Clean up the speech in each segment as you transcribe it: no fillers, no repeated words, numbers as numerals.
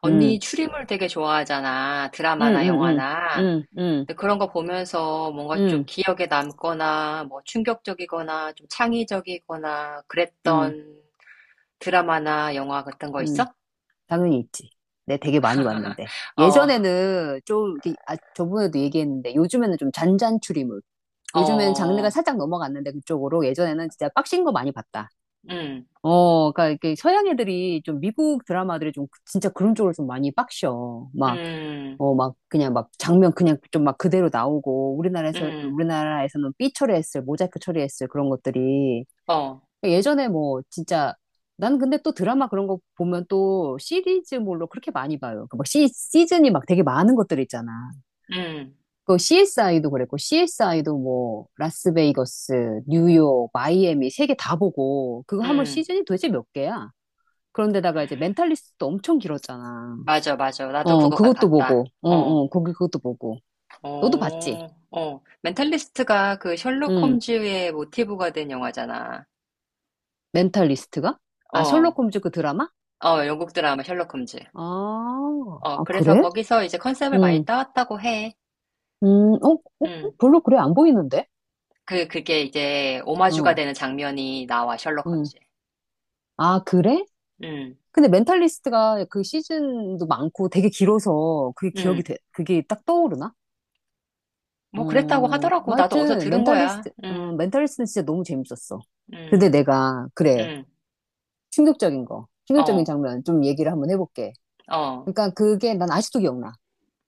언니 음, 추리물 되게 좋아하잖아. 음, 드라마나 음, 음, 영화나. 음, 음, 근데 그런 거 보면서 뭔가 좀 음, 기억에 남거나 뭐 충격적이거나 좀 창의적이거나 음, 그랬던 드라마나 영화 같은 거 음. 있어? 당연히 있지. 내 되게 많이 봤는데. 어, 예전에는 좀, 이렇게, 아, 저번에도 얘기했는데, 요즘에는 좀 잔잔 추리물. 요즘엔 장르가 어, 살짝 넘어갔는데, 그쪽으로. 예전에는 진짜 빡신 거 많이 봤다. 음, 어, 그러니까 이렇게 서양 애들이 좀 미국 드라마들이 좀 진짜 그런 쪽으로 좀 많이 빡셔. 막, 음, 막 그냥 막 장면 그냥 좀 막 그대로 나오고, 음, 우리나라에서는 삐 처리했을, 모자이크 처리했을 그런 것들이 어, 그러니까 예전에 뭐 진짜 난 근데 또 드라마 그런 거 보면 또 시리즈물로 그렇게 많이 봐요. 그막 시즌이 막 되게 많은 것들 있잖아. 음, 그 CSI도 그랬고 CSI도 뭐 라스베이거스, 뉴욕, 마이애미 세 개 다 보고 그거 하면 음. 시즌이 도대체 몇 개야? 그런데다가 이제 멘탈리스트도 엄청 길었잖아. 맞아, 맞아. 나도 어, 그거 그것도 보고. 봤다. 어, 어, 어, 거기 그것도 보고. 너도 봤지? 어, 어. 멘탈리스트가 그 셜록 응. 홈즈의 모티브가 된 영화잖아. 멘탈리스트가? 아, 어, 셜록 홈즈 그 드라마? 어, 영국 드라마 셜록 홈즈. 아, 어, 아, 그래서 그래? 거기서 이제 컨셉을 많이 응. 따왔다고 해. 음, 어, 어, 어? 음. 별로 그래, 안 보이는데? 그게 이제 오마주가 어, 되는 장면이 나와, 셜록 음. 홈즈에. 아, 그래? 음, 근데 멘탈리스트가 그 시즌도 많고 되게 길어서 그게 음. 기억이 돼, 그게 딱 떠오르나? 어, 뭐 그랬다고 하더라고. 뭐 나도 어디서 하여튼, 들은 거야. 멘탈리스트는 진짜 너무 재밌었어. 근데 음, 내가, 그래, 음. 충격적인 거, 충격적인 어, 장면 좀 얘기를 한번 해볼게. 어, 그러니까 그게 난 아직도 기억나.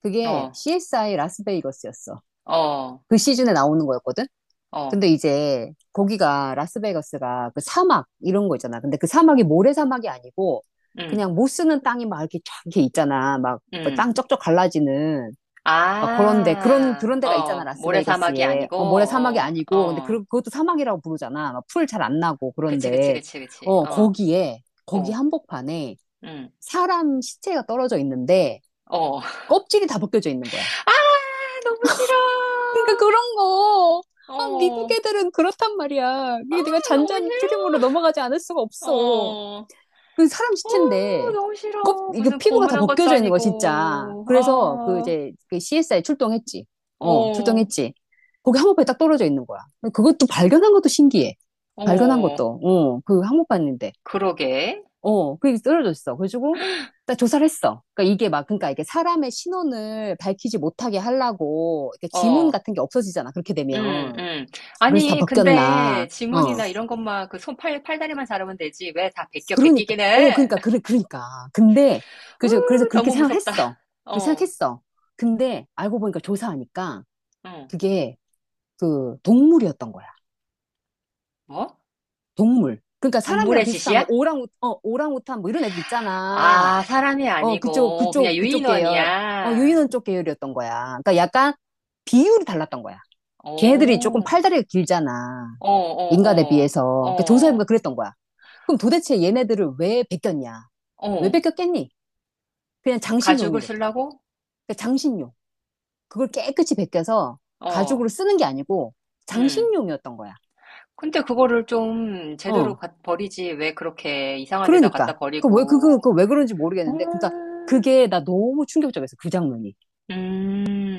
그게 어, CSI 라스베이거스였어. 어, 그 시즌에 나오는 거였거든? 어, 근데 이제 거기가 라스베가스가 그 사막 이런 거 있잖아. 근데 그 사막이 모래사막이 아니고 음, 그냥 못 쓰는 땅이 막 이렇게 쫙 이렇게 있잖아. 막 뭐 음. 땅 쩍쩍 갈라지는 막 그런데 그런 아, 그런 데가 있잖아. 어, 모래사막이 라스베이거스에 아니고, 어, 모래사막이 어, 아니고 근데 어. 그것도 사막이라고 부르잖아. 막 풀 잘 안 나고 그치, 그치, 그런데 그치, 그치. 어 어, 거기에 거기 어, 한복판에 음, 사람 시체가 떨어져 있는데 어. 껍질이 다 벗겨져 있는 거야. 아, 너무 싫어. 그러니까 그런 거. 아, 미국 어. 애들은 그렇단 말이야. 아, 이게 내가 너무 잔잔 추리물로 싫어. 넘어가지 않을 수가 없어. 어, 그 사람 어, 시체인데, 너무 싫어. 이게 무슨 피부가 다 고문한 것도 벗겨져 있는 거, 진짜. 아니고. 그래서 그 아, 이제 그 CSI 출동했지. 어, 어, 출동했지. 거기 항모판이 딱 떨어져 있는 거야. 그것도 발견한 것도 신기해. 발견한 어, 것도. 어, 그 항모판인데. 그러게. 어, 그게 쓰러졌어. 그래가지고, 나 조사를 했어. 그러니까 이게 막, 그러니까 이게 사람의 신원을 밝히지 못하게 하려고, 이렇게 지문 어, 같은 게 없어지잖아. 그렇게 음, 되면. 음. 그래서 다 아니, 근데 벗겼나. 어. 지문이나 이런 것만 그 손, 팔, 팔다리만 잘하면 되지. 왜 다 베껴 그러니까, 베끼긴 어, 해? 그러니까, 그래, 그러니까. 근데, 그래서 후, 그렇게 너무 생각을 무섭다. 했어. 그렇게 어, 생각했어. 근데, 알고 보니까 조사하니까, 응. 그게, 그, 동물이었던 거야. 뭐? 동물. 그러니까 사람이랑 동물의 비슷한, 뭐, 짓이야? 오랑우탄, 뭐, 이런 애들 있잖아. 아, 사람이 어, 아니고 그냥 그쪽 계열. 어, 유인원이야. 유인원 쪽 계열이었던 거야. 그러니까 약간 비율이 달랐던 거야. 걔네들이 조금 오, 팔다리가 길잖아. 어, 인간에 어, 어. 비해서. 그 조사해보니까 어, 그랬던 거야. 그럼 도대체 얘네들을 왜 베꼈냐? 왜 어, 베꼈겠니? 그냥 장식용인 가죽을 거다. 쓰려고? 그러니까 장식용. 그걸 깨끗이 베껴서 가죽으로 어, 쓰는 게 아니고 음. 장식용이었던 거야. 근데 그거를 좀 제대로 어. 버리지. 왜 그렇게 이상한 데다 갖다 그러니까. 그 왜, 버리고. 그 왜 그런지 모르겠는데. 그러니까 음, 그게 나 너무 충격적이었어. 그 장면이.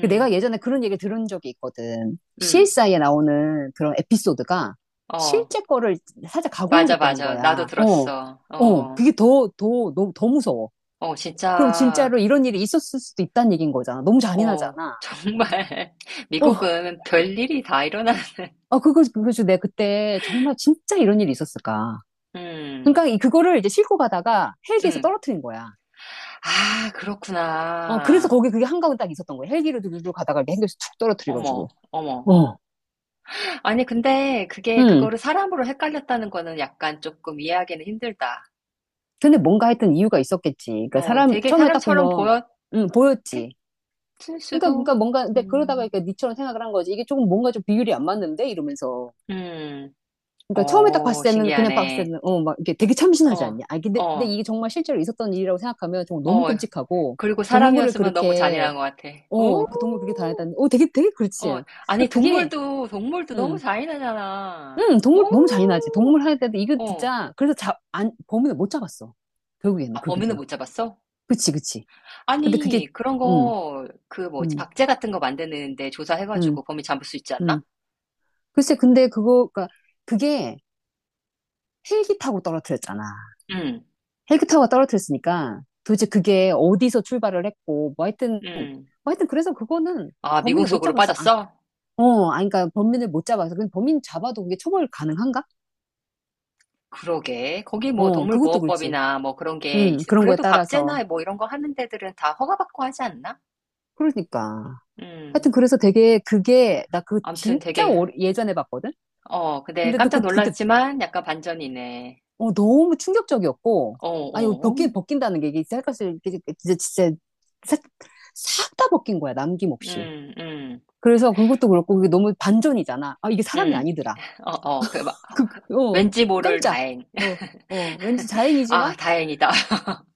그 내가 예전에 그런 얘기 들은 적이 있거든. 음. CSI에 나오는 그런 에피소드가 어, 실제 거를 살짝 가공을 맞아, 했다는 맞아. 나도 거야. 어, 들었어. 어, 어, 그게 더 무서워. 어, 그럼 진짜, 진짜로 이런 일이 있었을 수도 있다는 얘기인 거잖아. 너무 어, 잔인하잖아. 정말. 어, 미국은 별일이 다 일어나는, 아, 그거 내가 그때 정말 진짜 이런 일이 있었을까. 음, 그러니까 그거를 이제 싣고 가다가 헬기에서 음. 떨어뜨린 거야. 아, 어, 그래서 그렇구나. 거기 그게 한가운데 딱 있었던 거야. 헬기로 들고 가다가 이렇게 헬기에서 툭 떨어뜨려가지고. 어머, 어머. 어, 아니, 근데 그게 응. 그거를 사람으로 헷갈렸다는 거는 약간 조금 이해하기는 힘들다. 근데 뭔가 했던 이유가 있었겠지. 그러니까 어, 사람 되게 처음에 딱 사람처럼 보 보면 였 응, 보였지. 을 그러니까 수도. 그러니까 뭔가 근데 그러다가 음, 그러니까 니처럼 생각을 한 거지. 이게 조금 뭔가 좀 비율이 안 맞는데 이러면서. 음, 그러니까 처음에 딱 어, 봤을 때는 그냥 봤을 신기하네. 때는 어 막 이게 되게 참신하지 어, 않냐. 아 근데 어, 이게 정말 실제로 있었던 일이라고 생각하면 정말 너무 어. 끔찍하고 그리고 동물을 사람이었으면 너무 그렇게 잔인한 것 같아. 어 그 동물 그렇게 오, 다녔다는 어 되게 그렇지. 어, 그러니까 아니, 그게 동물도, 동물도 너무 음. 잔인하잖아. 동물 너무 잔인하지. 오, 동물 할 때도 이거 어. 진짜 그래서 자, 안, 범인을 못 잡았어. 결국에는 아, 그게. 범인은 못 잡았어? 그치, 그치. 근데 그게 아니, 그런 음. 거, 그 뭐지, 음, 박제 같은 거 만드는데 음, 조사해가지고 범인 잡을 수 있지 않나? 음. 글쎄, 근데 그거, 그게 헬기 타고 떨어뜨렸잖아. 음, 헬기 타고 떨어뜨렸으니까 도대체 그게 어디서 출발을 했고, 뭐 하여튼, 뭐 음. 하여튼 그래서 그거는 아, 미궁 범인을 못 속으로 잡았어. 아, 빠졌어? 어, 아니, 그러니까 범인을 못 잡아서. 근데 범인 잡아도 그게 처벌 가능한가? 그러게. 거기 뭐 어, 그것도 그렇지. 동물보호법이나 뭐 그런 게 있, 그런 거에 그래도 따라서. 박제나 뭐 이런 거 하는 데들은 다 허가받고 하지 않나? 그러니까. 음. 하여튼 그래서 되게 그게, 나 그거 아무튼 진짜 되게, 예전에 봤거든? 어, 근데 근데 또 깜짝 그, 그때 놀랐지만 약간 반전이네. 어, 너무 충격적이었고, 어, 아니, 어, 벗긴다는 게 이게 쌀값을, 이게 진짜, 진짜, 싹 다 벗긴 거야, 남김없이. 음, 음, 그래서 그것도 그렇고, 그게 너무 반전이잖아. 아, 이게 사람이 음. 아니더라. 어, 어, 그, 막 어, 왠지 모를 깜짝. 다행. 어, 어, 왠지 아, 다행이지만, 다행이다.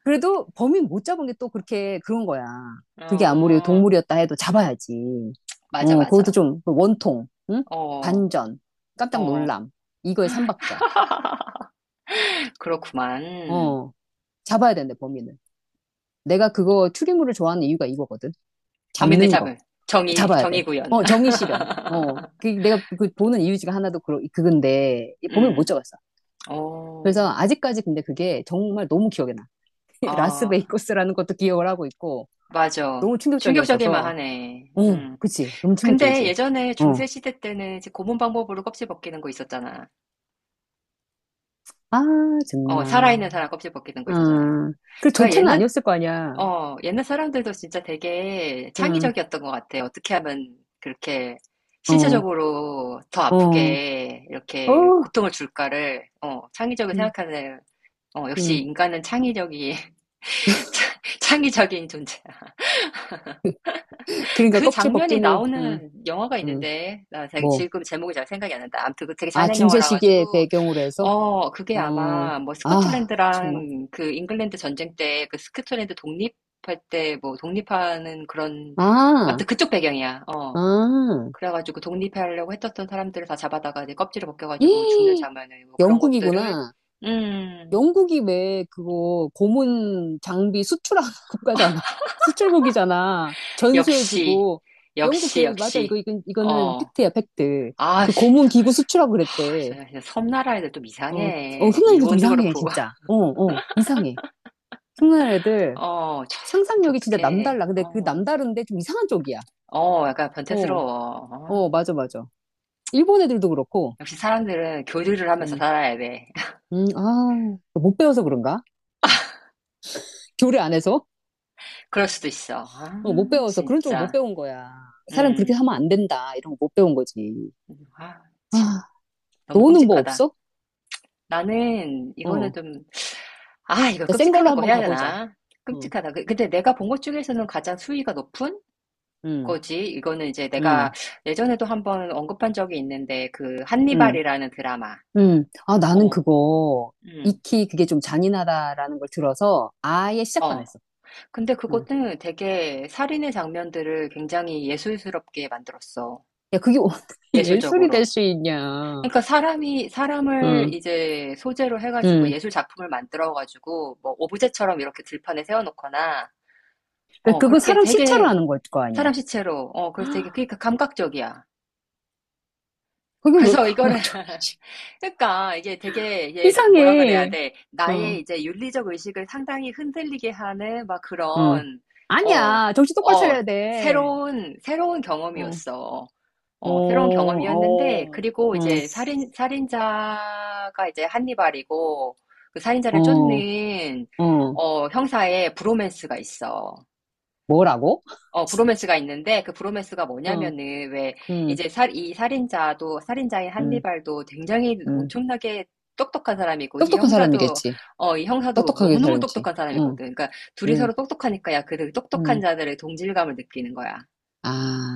그래도 범인 못 잡은 게 또 그렇게 그런 거야. 그게 아무리 어, 동물이었다 해도 잡아야지. 맞아, 어, 그것도 맞아. 좀 원통, 응? 어, 반전, 깜짝 어. 놀람, 이거의 삼박자. 그렇구만. 어, 잡아야 된대, 범인을. 내가 그거 추리물을 좋아하는 이유가 이거거든. 범인을 잡는 거. 잡을. 정의, 잡아야 정의 돼. 구현. 어, 정의 실현. 어, 그 내가 그 보는 이유 중에 하나도 그, 그건데, 보면 못 음. 잡았어. 그래서 어. 아직까지 근데 그게 정말 너무 기억에 나. 아, 라스베이거스라는 것도 기억을 하고 있고, 맞아. 너무 충격적일 충격적이었어서, 만하네. 어, 음. 그치. 너무 근데 충격적이지. 예전에 중세 어, 시대 때는 이제 고문 방법으로 껍질 벗기는 거 있었잖아. 아, 어, 정말. 살아있는 사람 껍질 벗기는 거 어, 있었잖아. 그 그러니까 전체는 옛날 아니었을 거 아니야. 어, 옛날 사람들도 진짜 되게 응, 창의적이었던 것 같아. 어떻게 하면 그렇게 어, 신체적으로 더 어, 아프게 어, 이렇게 고통을 줄까를 어, 창의적으로 응, 생각하는 어, 역시 응. 인간은 창의적이 창의적인 존재. 그러니까 그 껍질 장면이 벗김을, 응, 나오는 영화가 응, 있는데, 나 뭐. 지금 제목이 잘 생각이 안 난다. 아무튼 그 되게 아, 잔인한 중세 영화라 시기의 가지고, 배경으로 해서? 어, 그게 어, 아마 뭐 아, 정말. 스코틀랜드랑 그 잉글랜드 전쟁 때 그 스코틀랜드 독립할 때 뭐 독립하는 그런, 아, 아무튼 그쪽 배경이야. 어. 아, 그래가지고 독립하려고 했었던 사람들을 다 잡아다가 이제 껍질을 벗겨가지고 죽는 이 장면을 뭐 그런 것들을, 영국이구나. 음, 영국이 왜 그거 고문 장비 수출하는 국가잖아. 수출국이잖아. 역시, 전수해주고. 영국, 역시, 그래, 맞아. 역시, 이거는 어, 팩트야, 팩트. 아, 그 씨, 고문 기구 수출하고 하, 그랬대. 진짜 진짜 섬나라 애들 좀 어, 어, 이상해. 흉내내도 좀 일본도 이상해, 그렇고. 진짜. 어, 어, 이상해. 흉내내들 어, 참 상상력이 진짜 독특해. 남달라. 근데 그 어, 남다른데 좀 이상한 쪽이야. 어, 약간 어. 변태스러워. 어, 어. 맞아, 맞아. 일본 애들도 그렇고, 역시 사람들은 교류를 하면서 음, 살아야 돼. 아, 못 배워서 그런가? 교류 안 해서? 그럴 수도 있어. 아, 어, 못 배워서 그런 쪽을 못 진짜. 배운 거야. 사람 그렇게 음, 하면 안 된다. 이런 거 못 배운 거지. 아, 아, 참. 너무 너는 뭐 끔찍하다. 없어? 나는 이거는 어, 좀, 아, 이걸 자, 센 걸로 끔찍하다고 한번 해야 가보자. 되나? 어, 끔찍하다. 근데 내가 본 것 중에서는 가장 수위가 높은 음, 거지. 이거는 이제 내가 음, 예전에도 한번 언급한 적이 있는데, 그, 음, 한니발이라는 드라마. 아, 나는 어, 그거 음. 익히 그게 좀 잔인하다라는 걸 들어서 아예 시작도 안 어. 했어. 근데 음. 그것도 되게 살인의 장면들을 굉장히 예술스럽게 만들었어. 야, 그게 어떻게 예술이 예술적으로. 될 수 있냐? 그러니까 사람이, 사람을 응, 이제 소재로 해가지고 응. 예술 작품을 만들어가지고 뭐 오브제처럼 이렇게 들판에 세워놓거나, 그 어, 그거 그렇게 사람 시체로 되게 하는 걸 거 아니야? 사람 시체로, 어, 그래서 되게, 그러니까 감각적이야. 그게 왜 그래서 이거를 감각적이지? 그러니까 이게 되게 이게 뭐라 그래야 이상해. 돼 나의 어, 이제 윤리적 의식을 상당히 흔들리게 하는 막 어, 그런 어 아니야. 정신 똑바로 어, 차려야 돼. 새로운 어, 경험이었어. 어, 어, 새로운 경험이었는데, 어, 그리고 어, 이제 살인자가 이제 한니발이고, 그 살인자를 어, 쫓는, 어. 어, 형사의 브로맨스가 있어. 뭐라고? 어, 브로맨스가 있는데 그 브로맨스가 어, 뭐냐면은 왜 응 이제 이 살인자도 살인자인 응 한니발도 굉장히 응 엄청나게 똑똑한 사람이고 이 똑똑한 형사도 사람이겠지. 어, 이 형사도 똑똑하게 너무너무 살지. 똑똑한 사람이거든. 응, 그러니까 둘이 응, 서로 똑똑하니까 야, 그 똑똑한 응. 자들의 동질감을 느끼는 거야. 아,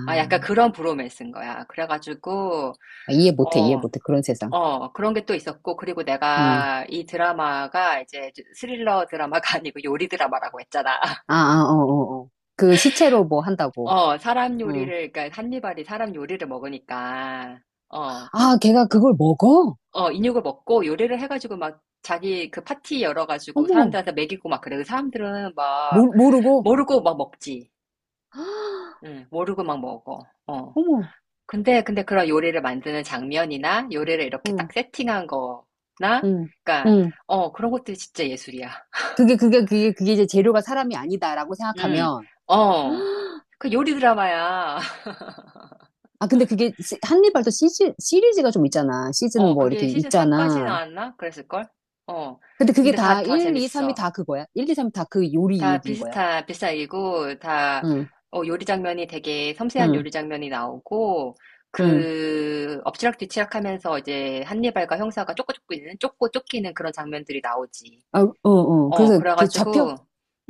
아, 약간 그런 브로맨스인 거야. 그래가지고 이해 어, 못해. 그런 세상. 어, 그런 게 또 있었고 그리고 응. 내가 이 드라마가 이제 스릴러 드라마가 아니고 요리 드라마라고 했잖아. 아, 아, 어, 어, 어. 그 시체로 뭐 한다고. 어, 사람 응. 요리를, 그러니까 한니발이 사람 요리를 먹으니까, 어, 아, 걔가 그걸 먹어? 어, 인육을 먹고 요리를 해가지고 막 자기 그 파티 열어가지고 어머, 사람들한테 먹이고 막 그래. 그 사람들은 막 모르고. 모르고 막 먹지. 응, 모르고 막 먹어. 어. 어머, 근데, 근데 그런 요리를 만드는 장면이나 요리를 이렇게 응, 딱 세팅한 거나, 응, 그러니까, 응. 어, 그런 것들이 진짜 예술이야. 그게 이제 재료가 사람이 아니다라고 응, 생각하면, 어. 그 요리 드라마야. 아, 근데 그게 한니발도 시즌 시리즈가 좀 있잖아. 시즌 어, 뭐 그게 이렇게 시즌 3까지 있잖아. 나왔나? 그랬을걸? 어. 근데 그게 근데 다 다 1, 2, 3이 재밌어. 다 그거야. 1, 2, 3이 다 그 요리 다 얘기인 거야. 비슷한 얘기고, 다, 응, 어, 요리 장면이 되게 섬세한 응, 요리 장면이 나오고, 응. 그, 엎치락뒤치락 하면서 이제 한니발과 형사가 쫓고 쫓고 있는, 쫓고 쫓기는 그런 장면들이 나오지. 아, 어, 어. 어, 그래서 그 잡혀? 그래가지고,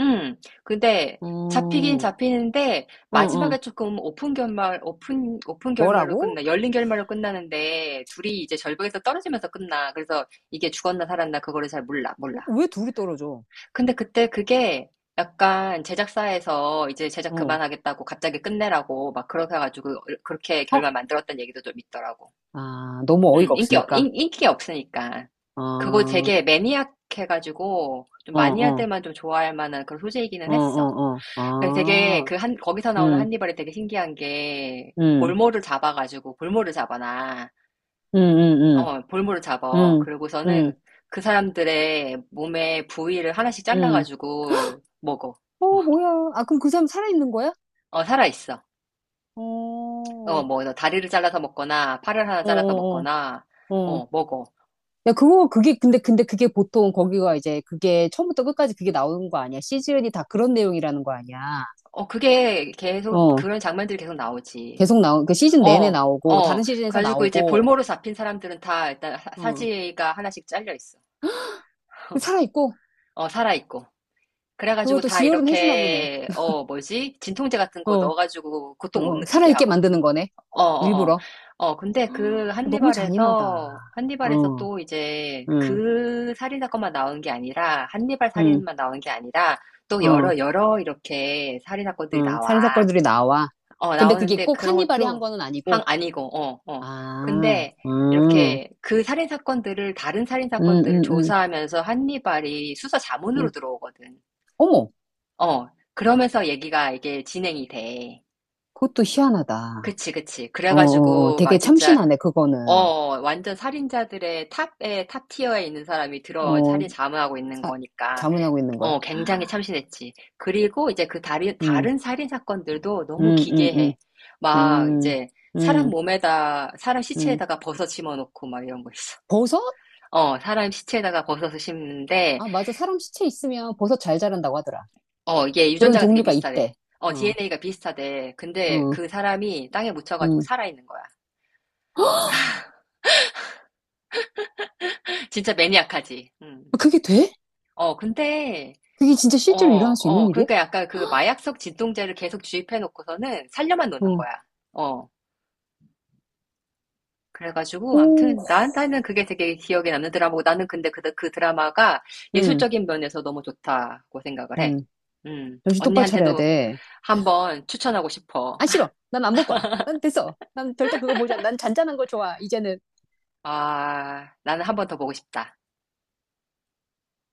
음, 근데 잡히긴 어, 잡히는데, 응, 응. 마지막에 조금 오픈 결말, 오픈 결말로 뭐라고? 끝나, 열린 결말로 끝나는데, 둘이 이제 절벽에서 떨어지면서 끝나. 그래서 이게 죽었나 살았나, 그거를 잘 몰라, 몰라. 왜 둘이 떨어져? 근데 그때 그게 약간 제작사에서 이제 제작 어, 그만하겠다고 갑자기 끝내라고 막 그렇게 해가지고, 어, 그렇게 어? 결말 만들었던 얘기도 좀 있더라고. 아, 너무 어이가 없으니까. 인기가 없으니까. 어, 그거 어, 되게 매니악해가지고, 좀 어, 마니아들만 좀 좋아할 만한 그런 소재이기는 어, 했어. 어, 어. 근데 되게 아, 그 한, 거기서 나오는 응, 한니발이 되게 신기한 게, 응, 볼모를 잡아가지고, 볼모를 잡아놔. 응, 응, 어, 볼모를 응, 잡아. 응, 그러고서는 응. 그 사람들의 몸의 부위를 하나씩 응. 잘라가지고 먹어. 어, 뭐야. 아, 그럼 그 사람 살아있는 거야? 어, 살아있어. 어, 어, 어, 뭐, 다리를 잘라서 먹거나, 팔을 하나 어, 잘라서 어. 먹거나, 어. 어, 먹어. 야, 그거, 근데 그게 보통 거기가 이제 그게 처음부터 끝까지 그게 나오는 거 아니야. 시즌이 다 그런 내용이라는 거 아니야. 어, 그게 계속, 어. 그런 장면들이 계속 나오지. 계속 나오, 그 시즌 내내 어, 나오고, 어. 다른 시즌에서 가지고 이제 나오고, 볼모로 잡힌 사람들은 다 일단 어. 사지가 하나씩 잘려 있어. 살아있고, 어, 살아 있고. 그걸 그래가지고 또 다 지혈은 해주나 보네. 이렇게 어 뭐지? 진통제 같은 거 어. 넣어가지고 고통 못 어, 느끼게 살아있게 하고. 만드는 거네. 어, 어, 어. 일부러. 어, 근데 그 너무 잔인하다. 한니발에서 어, 또 이제 응, 그 살인 사건만 나온 게 아니라 한니발 응, 살인만 나온 게 아니라 또 어. 여러 이렇게 살인 사건들이 응, 나와. 살인사건들이 나와. 어, 근데 그게 나오는데 꼭 그런 한니발이 한 것도 거는 항 아니고, 아니고, 어, 어. 아, 근데 이렇게 그 살인 사건들을, 다른 살인 음, 사건들을 음, 음, 조사하면서 한니발이 수사 자문으로 음. 들어오거든. 어머, 어, 그러면서 얘기가 이게 진행이 돼. 그것도 희한하다. 그치, 그치. 어, 어, 어, 그래가지고, 막 되게 진짜, 참신하네, 그거는. 어, 완전 살인자들의 탑 티어에 있는 사람이 들어와 어, 살인 자문하고 있는 사, 거니까. 자문하고 있는 거야. 어, 굉장히 참신했지. 그리고 이제 그 음, 다른 살인 사건들도 너무 음, 음, 음, 기괴해. 막 음, 이제 음, 사람 음. 시체에다가 버섯 심어놓고 막 이런 거 있어. 버섯? 어, 사람 시체에다가 버섯을 심는데, 아, 맞아. 사람 시체 있으면 버섯 잘 자란다고 하더라. 어, 이게 그런 유전자가 되게 종류가 비슷하대. 있대. 어, 어, DNA가 비슷하대. 근데 어, 그 사람이 땅에 묻혀가지고 음. 살아있는 거야. 진짜 매니악하지. 음. 아, 그게 돼? 어, 근데, 그게 진짜 어, 실제로 일어날 수 있는 어, 일이야? 그러니까 약간 그 마약성 진통제를 계속 주입해놓고서는 살려만 놓는 어, 거야. 어. 그래가지고 오, 아무튼 나한테는 그게 되게 기억에 남는 드라마고 나는 근데 그, 그 드라마가 음, 예술적인 면에서 너무 좋다고 생각을 해. 음. 정신 똑바로 차려야 언니한테도 돼. 한번 추천하고 싶어. 안 싫어. 난 안 볼 거야. 난 됐어. 난 절대 그거 보지 않아. 난 잔잔한 거 좋아. 이제는. 아, 나는 한번 더 보고 싶다.